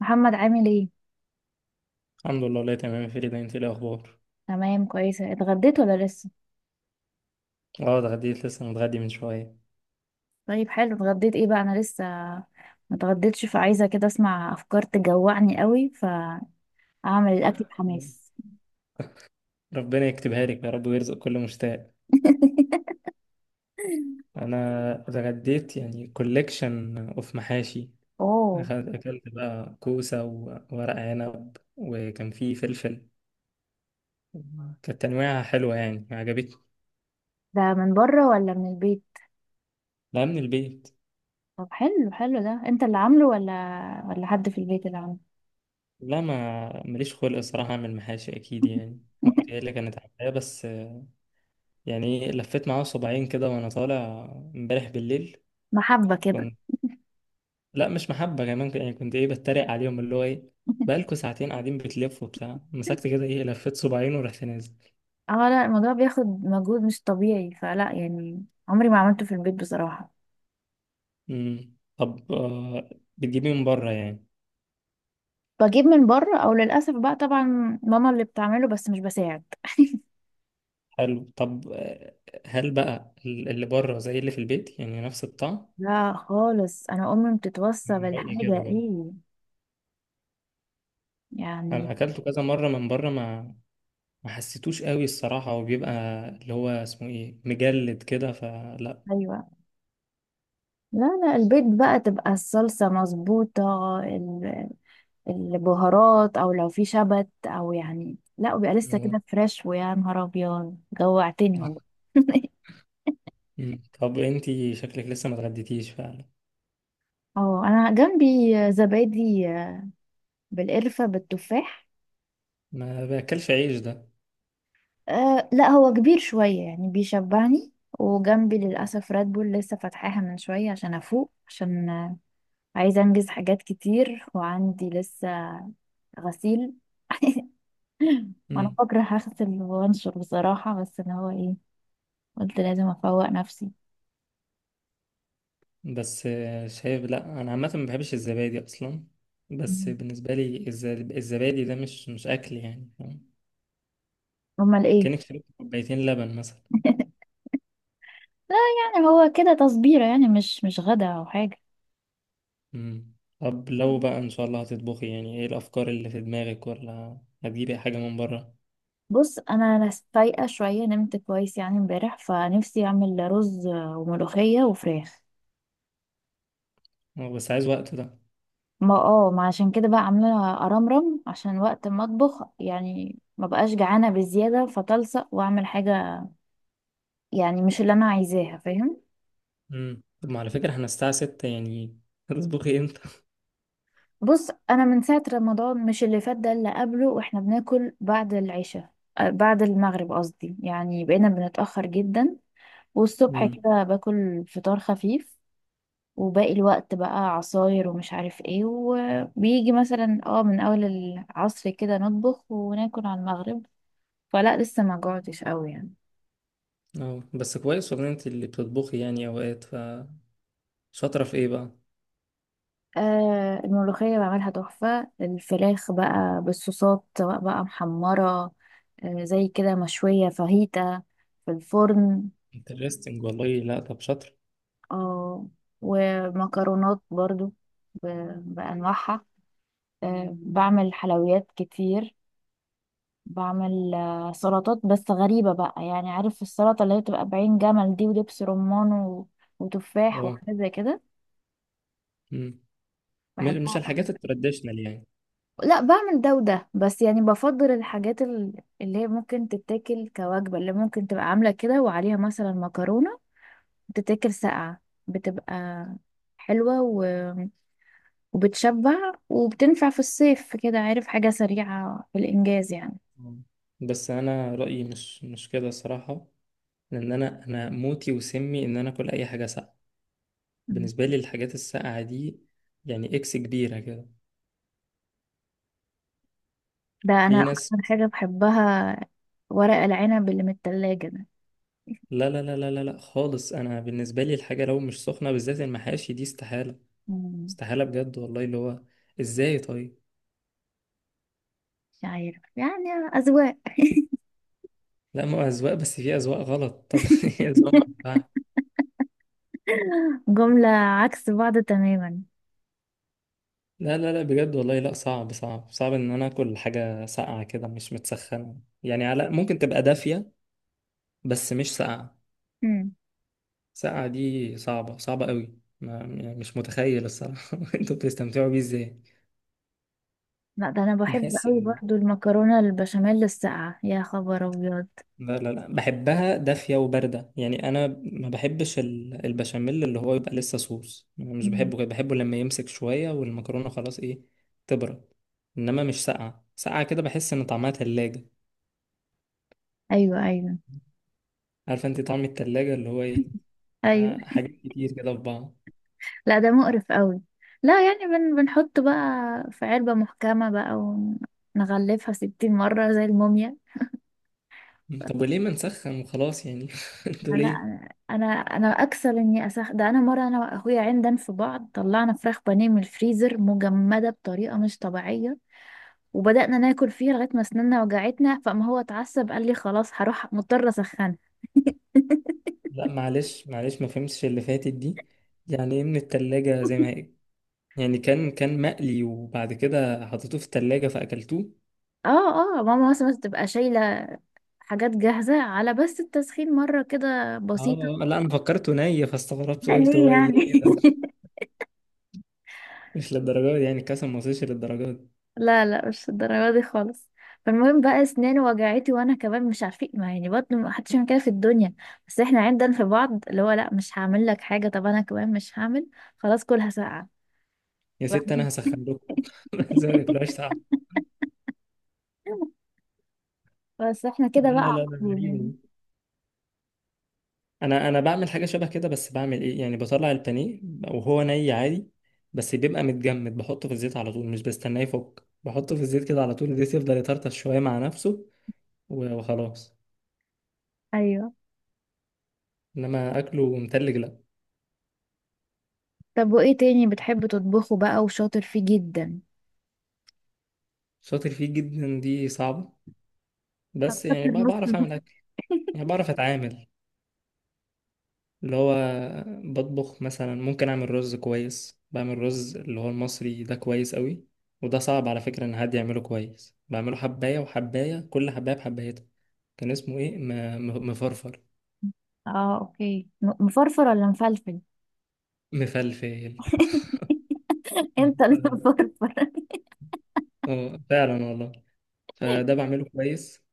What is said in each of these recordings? محمد عامل ايه؟ الحمد لله، والله تمام يا فريدة. انت ايه الاخبار؟ تمام كويسه. اتغديت ولا لسه؟ اه ده عديت، لسه متغدي من شويه. طيب حلو. اتغديت ايه بقى؟ انا لسه ما اتغديتش، فعايزه كده اسمع افكار تجوعني قوي فاعمل الاكل بحماس. ربنا يكتبها لك يا رب ويرزق كل مشتاق. انا اتغديت يعني كوليكشن اوف محاشي. اوه. اكلت بقى كوسه وورق عنب وكان فيه فلفل. كانت تنويعها حلوه يعني عجبتني. ده من بره ولا من البيت؟ لا، من البيت. طب حلو حلو، ده انت اللي عامله، ولا حد في البيت اللي عامله؟ لا، ما ماليش خلق الصراحه اعمل محاشي اكيد، يعني مامتي هي اللي كانت عاملاه، بس يعني إيه، لفيت معاها صباعين كده وانا طالع امبارح بالليل. محبه كده؟ لا، مش محبة كمان، يعني كنت ايه بتريق عليهم، اللي هو ايه، بقالكوا ساعتين قاعدين بتلفوا بتاع، مسكت كده ايه لفيت صباعين ورحت نازل. اه لا، الموضوع بياخد مجهود مش طبيعي، فلا يعني عمري ما عملته في البيت بصراحه. طب آه، بتجيبيه من بره يعني؟ بجيب من بره، او للاسف بقى طبعا ماما اللي بتعمله بس مش بساعد. حلو. طب آه، هل بقى اللي بره زي اللي في البيت يعني؟ نفس الطعم؟ لا خالص، انا امي بتتوصى من رأيي كده بالحاجه. برضه. ايه يعني. انا اكلته كذا مرة من بره، ما حسيتوش قوي الصراحة، وبيبقى اللي هو اسمه ايه، مجلد كده، فلا. ايوه. لا لا، البيت بقى تبقى الصلصه مظبوطه، البهارات، او لو في شبت، او يعني لا، وبيبقى لسه مم. كده فريش، ويا نهار ابيض جوعتني والله. مم. طب انتي شكلك لسه ما اتغديتيش فعلا؟ اه انا جنبي زبادي بالقرفه بالتفاح. ما باكلش عيش، أه لا، هو كبير شوية يعني بيشبعني. وجنبي للأسف راد بول لسه فاتحاها من شوية عشان أفوق، عشان آه، عايزة أنجز حاجات كتير وعندي لسه غسيل. وأنا ده بكره هغسل وأنشر بصراحة، بس اللي هو إيه، قلت لازم أفوق نفسي. بس آه، شايف، لا انا عامه ما بحبش الزبادي اصلا، بس مم. بالنسبه لي الزبادي ده مش مش اكل يعني، فاهم؟ أمال إيه؟ كانك شربت كوبايتين لبن مثلا. لا يعني هو كده تصبيرة يعني مش غدا أو حاجة. مم. طب لو بقى ان شاء الله هتطبخي، يعني ايه الافكار اللي في دماغك؟ ولا هتجيبي حاجه من بره؟ بص أنا فايقة شوية، نمت كويس يعني امبارح، فنفسي أعمل رز وملوخية وفراخ. أه، بس عايز وقت ده. ما عشان كده بقى عاملة أرمرم، عشان وقت ما أطبخ يعني ما بقاش جعانة بزيادة فتلصق وأعمل حاجة. يعني مش اللي أنا عايزاها، فاهم. مم. طب ما على فكره احنا الساعه 6 يعني، هتطبخي امتى؟ بص أنا من ساعة رمضان، مش اللي فات ده اللي قبله، وإحنا بناكل بعد العشاء، بعد المغرب قصدي، يعني بقينا بنتأخر جدا. والصبح مم. كده باكل فطار خفيف. وباقي الوقت بقى عصاير ومش عارف ايه، وبيجي مثلا من أول العصر كده نطبخ وناكل على المغرب. فلا لسه ما جوعتش قوي يعني. اه بس كويس والله، انت اللي بتطبخي يعني اوقات، فشاطره في ايه بقى؟ آه، الملوخية بعملها تحفة. الفراخ بقى بالصوصات، سواء بقى محمرة، زي كده مشوية، فاهيتا في الفرن. انترستنج والله. لا طب شاطره. آه، ومكرونات برضو، بأنواعها. بعمل حلويات كتير. بعمل سلطات بس غريبة بقى، يعني عارف السلطة اللي هي بتبقى بعين جمل دي، ودبس رمان و- وتفاح، اه وحاجات زي كده. مش بحبها. الحاجات التراديشنال يعني؟ لا، بعمل ده وده، بس يعني بفضل الحاجات اللي هي ممكن تتاكل كوجبة، اللي ممكن تبقى عاملة كده وعليها مثلا مكرونة تتاكل ساقعة، بتبقى حلوة و... وبتشبع وبتنفع في الصيف كده، عارف، حاجة سريعة في الإنجاز يعني. مم. بس انا رأيي مش مش كده الصراحة، لان انا موتي وسمي ان انا اكل اي حاجة ساقعة. بالنسبة مم. لي الحاجات الساقعة دي يعني اكس كبيرة كده. ده أنا في ناس. أكتر حاجة بحبها، ورق العنب اللي من التلاجة ده. لا لا لا لا لا لا، خالص. انا بالنسبة لي الحاجة لو مش سخنة، بالذات المحاشي دي استحالة، مم. استحالة بجد والله. اللي هو ازاي طيب؟ مش عارف يعني. أذواق. لا ما هو اذواق، بس في اذواق غلط. طب ايه اذواق؟ جملة عكس بعض تماما. لا لا لا بجد والله، لا صعب صعب صعب ان انا اكل حاجه ساقعه كده مش متسخنه يعني، على ممكن تبقى دافيه بس مش ساقعه. ساقعه دي صعبه صعبه قوي ما يعني، مش متخيل الصراحه. انتوا بتستمتعوا بيه ازاي؟ لا، ده انا بحب بحس، قوي برضو المكرونه البشاميل الساقعه. يا خبر ابيض. لا لا لا، بحبها دافيه وبارده يعني. انا ما بحبش البشاميل اللي هو يبقى لسه صوص، أنا مش مم. بحبه كده، بحبه لما يمسك شويه والمكرونه خلاص ايه تبرد، انما مش ساقعه ساقعه كده. بحس ان طعمها تلاجة. ايوه، ايوه، عارفه انت طعم التلاجة اللي هو ايه؟ ايوه. مع حاجات كتير كده في بعض. لا، ده مقرف قوي. لا يعني بنحط بقى في علبه محكمه بقى، ونغلفها ستين مره زي الموميا. طب وليه ما نسخن وخلاص يعني؟ انتوا لا، ليه؟ انا انا أنا اكسل اني اسخ، ده انا مره انا واخويا عندنا في بعض طلعنا فراخ بانيه من الفريزر مجمده بطريقه مش طبيعيه، وبدأنا ناكل فيها لغاية ما أسناننا وجعتنا، فما هو اتعصب قال لي خلاص هروح، مضطرة أسخنها. لا معلش معلش، ما فهمتش اللي فاتت دي. يعني ايه من التلاجة زي ما هي؟ يعني كان مقلي وبعد كده حطيتوه في التلاجة فأكلتوه؟ اه، اه، ماما مثلا تبقى شايلة حاجات جاهزة، على بس التسخين مرة كده بسيطة. اه لا انا فكرته ني، فاستغربت لا، قلت ليه هو اللي ايه يعني؟ ده، مش للدرجة دي يعني، الكاسة ما وصلش للدرجة دي. لا لا، مش الدرجة دي خالص. فالمهم بقى اسناني وجعتي وانا كمان مش عارفين، ما يعني برضه ما حدش يعمل كده في الدنيا، بس احنا عندنا في بعض اللي هو لا مش هعمل لك حاجة، طب انا كمان مش هعمل. خلاص كلها ساقعة. يا ست انا هسخن لكم، زي ما تاكلوهاش تعب. بس احنا كده بقى لا لا على لا ده طول غريبة يعني. دي. انا بعمل حاجه شبه كده، بس بعمل ايه يعني، بطلع البانيه وهو ني عادي، بس بيبقى متجمد بحطه في الزيت على طول، مش بستناه يفك، بحطه في الزيت كده على طول، الزيت يفضل يطرطش شويه مع نفسه وخلاص، ايوه. انما اكله متلج لا. طب وايه تاني بتحب تطبخه بقى وشاطر فيه جدا؟ شاطر فيه جدا دي صعبه، بس يعني شاطر بقى نص بعرف نص. اعمل اكل، يعني بعرف اتعامل. اللي هو بطبخ مثلا، ممكن اعمل رز كويس. بعمل رز اللي هو المصري ده كويس قوي، وده صعب على فكره ان حد يعمله كويس. بعمله حبايه وحبايه، كل حبايه بحبايتها. كان اسمه ايه مفرفر؟ اه اوكي، مفرفر ولا مفلفل؟ مفلفل. اه انت اللي ف- بفرفر. آه، فعلا والله. فده بعمله كويس،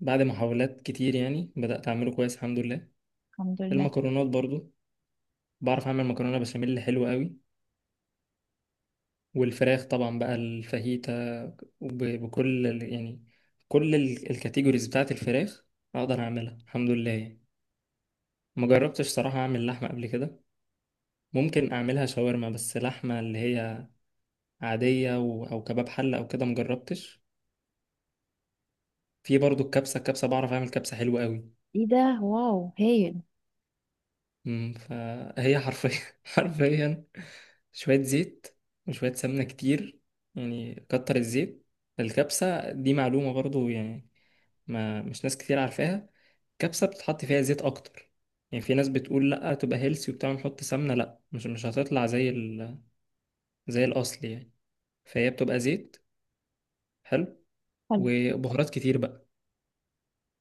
بعد محاولات كتير يعني بدأت أعمله كويس الحمد لله. الحمد لله. المكرونات برضو، بعرف أعمل مكرونة بشاميل حلوة قوي. والفراخ طبعا بقى، الفاهيتا، يعني كل الكاتيجوريز بتاعت الفراخ أقدر أعملها الحمد لله يعني. ما جربتش صراحة أعمل لحمة قبل كده. ممكن أعملها شاورما، بس لحمة اللي هي عادية أو كباب حلة أو كده مجربتش. في برضو الكبسة، الكبسة بعرف أعمل كبسة حلوة قوي. ايه ده؟ واو هايل. أمم، فهي حرفيا، حرفيا شوية زيت وشوية سمنة كتير. يعني كتر الزيت، الكبسة دي معلومة برضو يعني، ما مش ناس كتير عارفاها. الكبسة بتتحط فيها زيت أكتر يعني. في ناس بتقول لأ تبقى هيلسي وبتاع نحط سمنة، لأ مش مش هتطلع زي ال... زي الأصل يعني. فهي بتبقى زيت حلو، حلو. وبهارات كتير بقى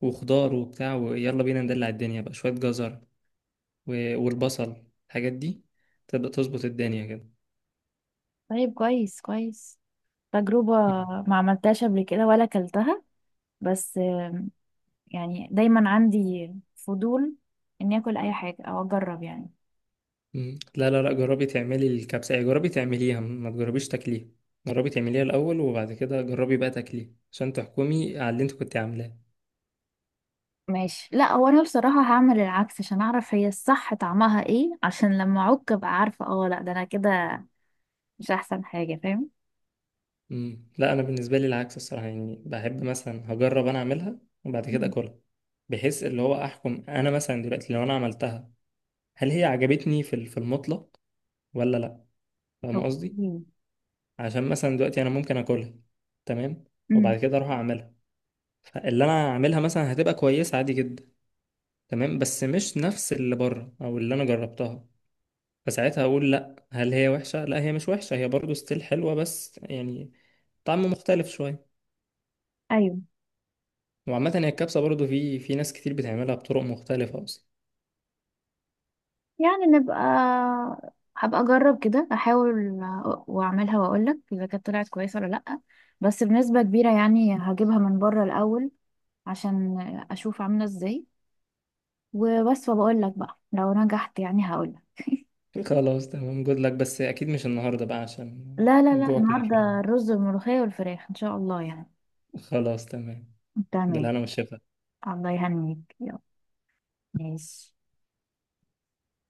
وخضار وبتاع، ويلا بينا ندلع الدنيا بقى، شوية جزر والبصل، الحاجات دي تبدأ تظبط الدنيا كده. طيب كويس كويس. تجربة مم. ما عملتهاش قبل كده ولا اكلتها. بس يعني دايما عندي فضول اني اكل اي حاجة او اجرب يعني. مم. لا لا لا، جربي تعملي الكبسة. يعني جربي تعمليها، ما تجربيش تاكليها. جربي تعمليها الأول وبعد كده جربي بقى تاكليها، عشان تحكمي على اللي انت كنت عاملاه. ماشي. لا هو انا بصراحة هعمل العكس، عشان اعرف هي الصح طعمها ايه، عشان لما اعك ابقى عارفة اه لا، ده انا كده مش احسن حاجة، فاهم. مم. لا أنا بالنسبة لي العكس الصراحة، يعني بحب مثلا هجرب أنا أعملها وبعد كده مم. أكلها، بحيث اللي هو أحكم. أنا مثلا دلوقتي لو أنا عملتها، هل هي عجبتني في المطلق ولا لأ؟ فاهم قصدي؟ اوكي. عشان مثلا دلوقتي أنا ممكن أكلها تمام، امم وبعد كده أروح أعملها، اللي انا هعملها مثلا هتبقى كويسه عادي جدا تمام، بس مش نفس اللي بره او اللي انا جربتها. فساعتها اقول لا، هل هي وحشه؟ لا هي مش وحشه، هي برضو ستيل حلوه بس يعني طعم مختلف شويه. ايوه وعامه هي الكبسه برضو، في في ناس كتير بتعملها بطرق مختلفه اصلا. يعني. هبقى اجرب كده، احاول واعملها واقولك اذا كانت طلعت كويسه ولا لا. بس بنسبه كبيره يعني هجيبها من بره الاول، عشان اشوف عامله ازاي وبس، وبقول لك بقى لو نجحت يعني هقولك. خلاص تمام، جود لك، بس اكيد مش النهارده بقى، عشان لا، لا، لا، الجوع كافر النهارده يعني. الرز والملوخيه والفراخ ان شاء الله يعني. خلاص تمام. تمام. بالهنا والشفا. الله يهنيك. يلا ماشي.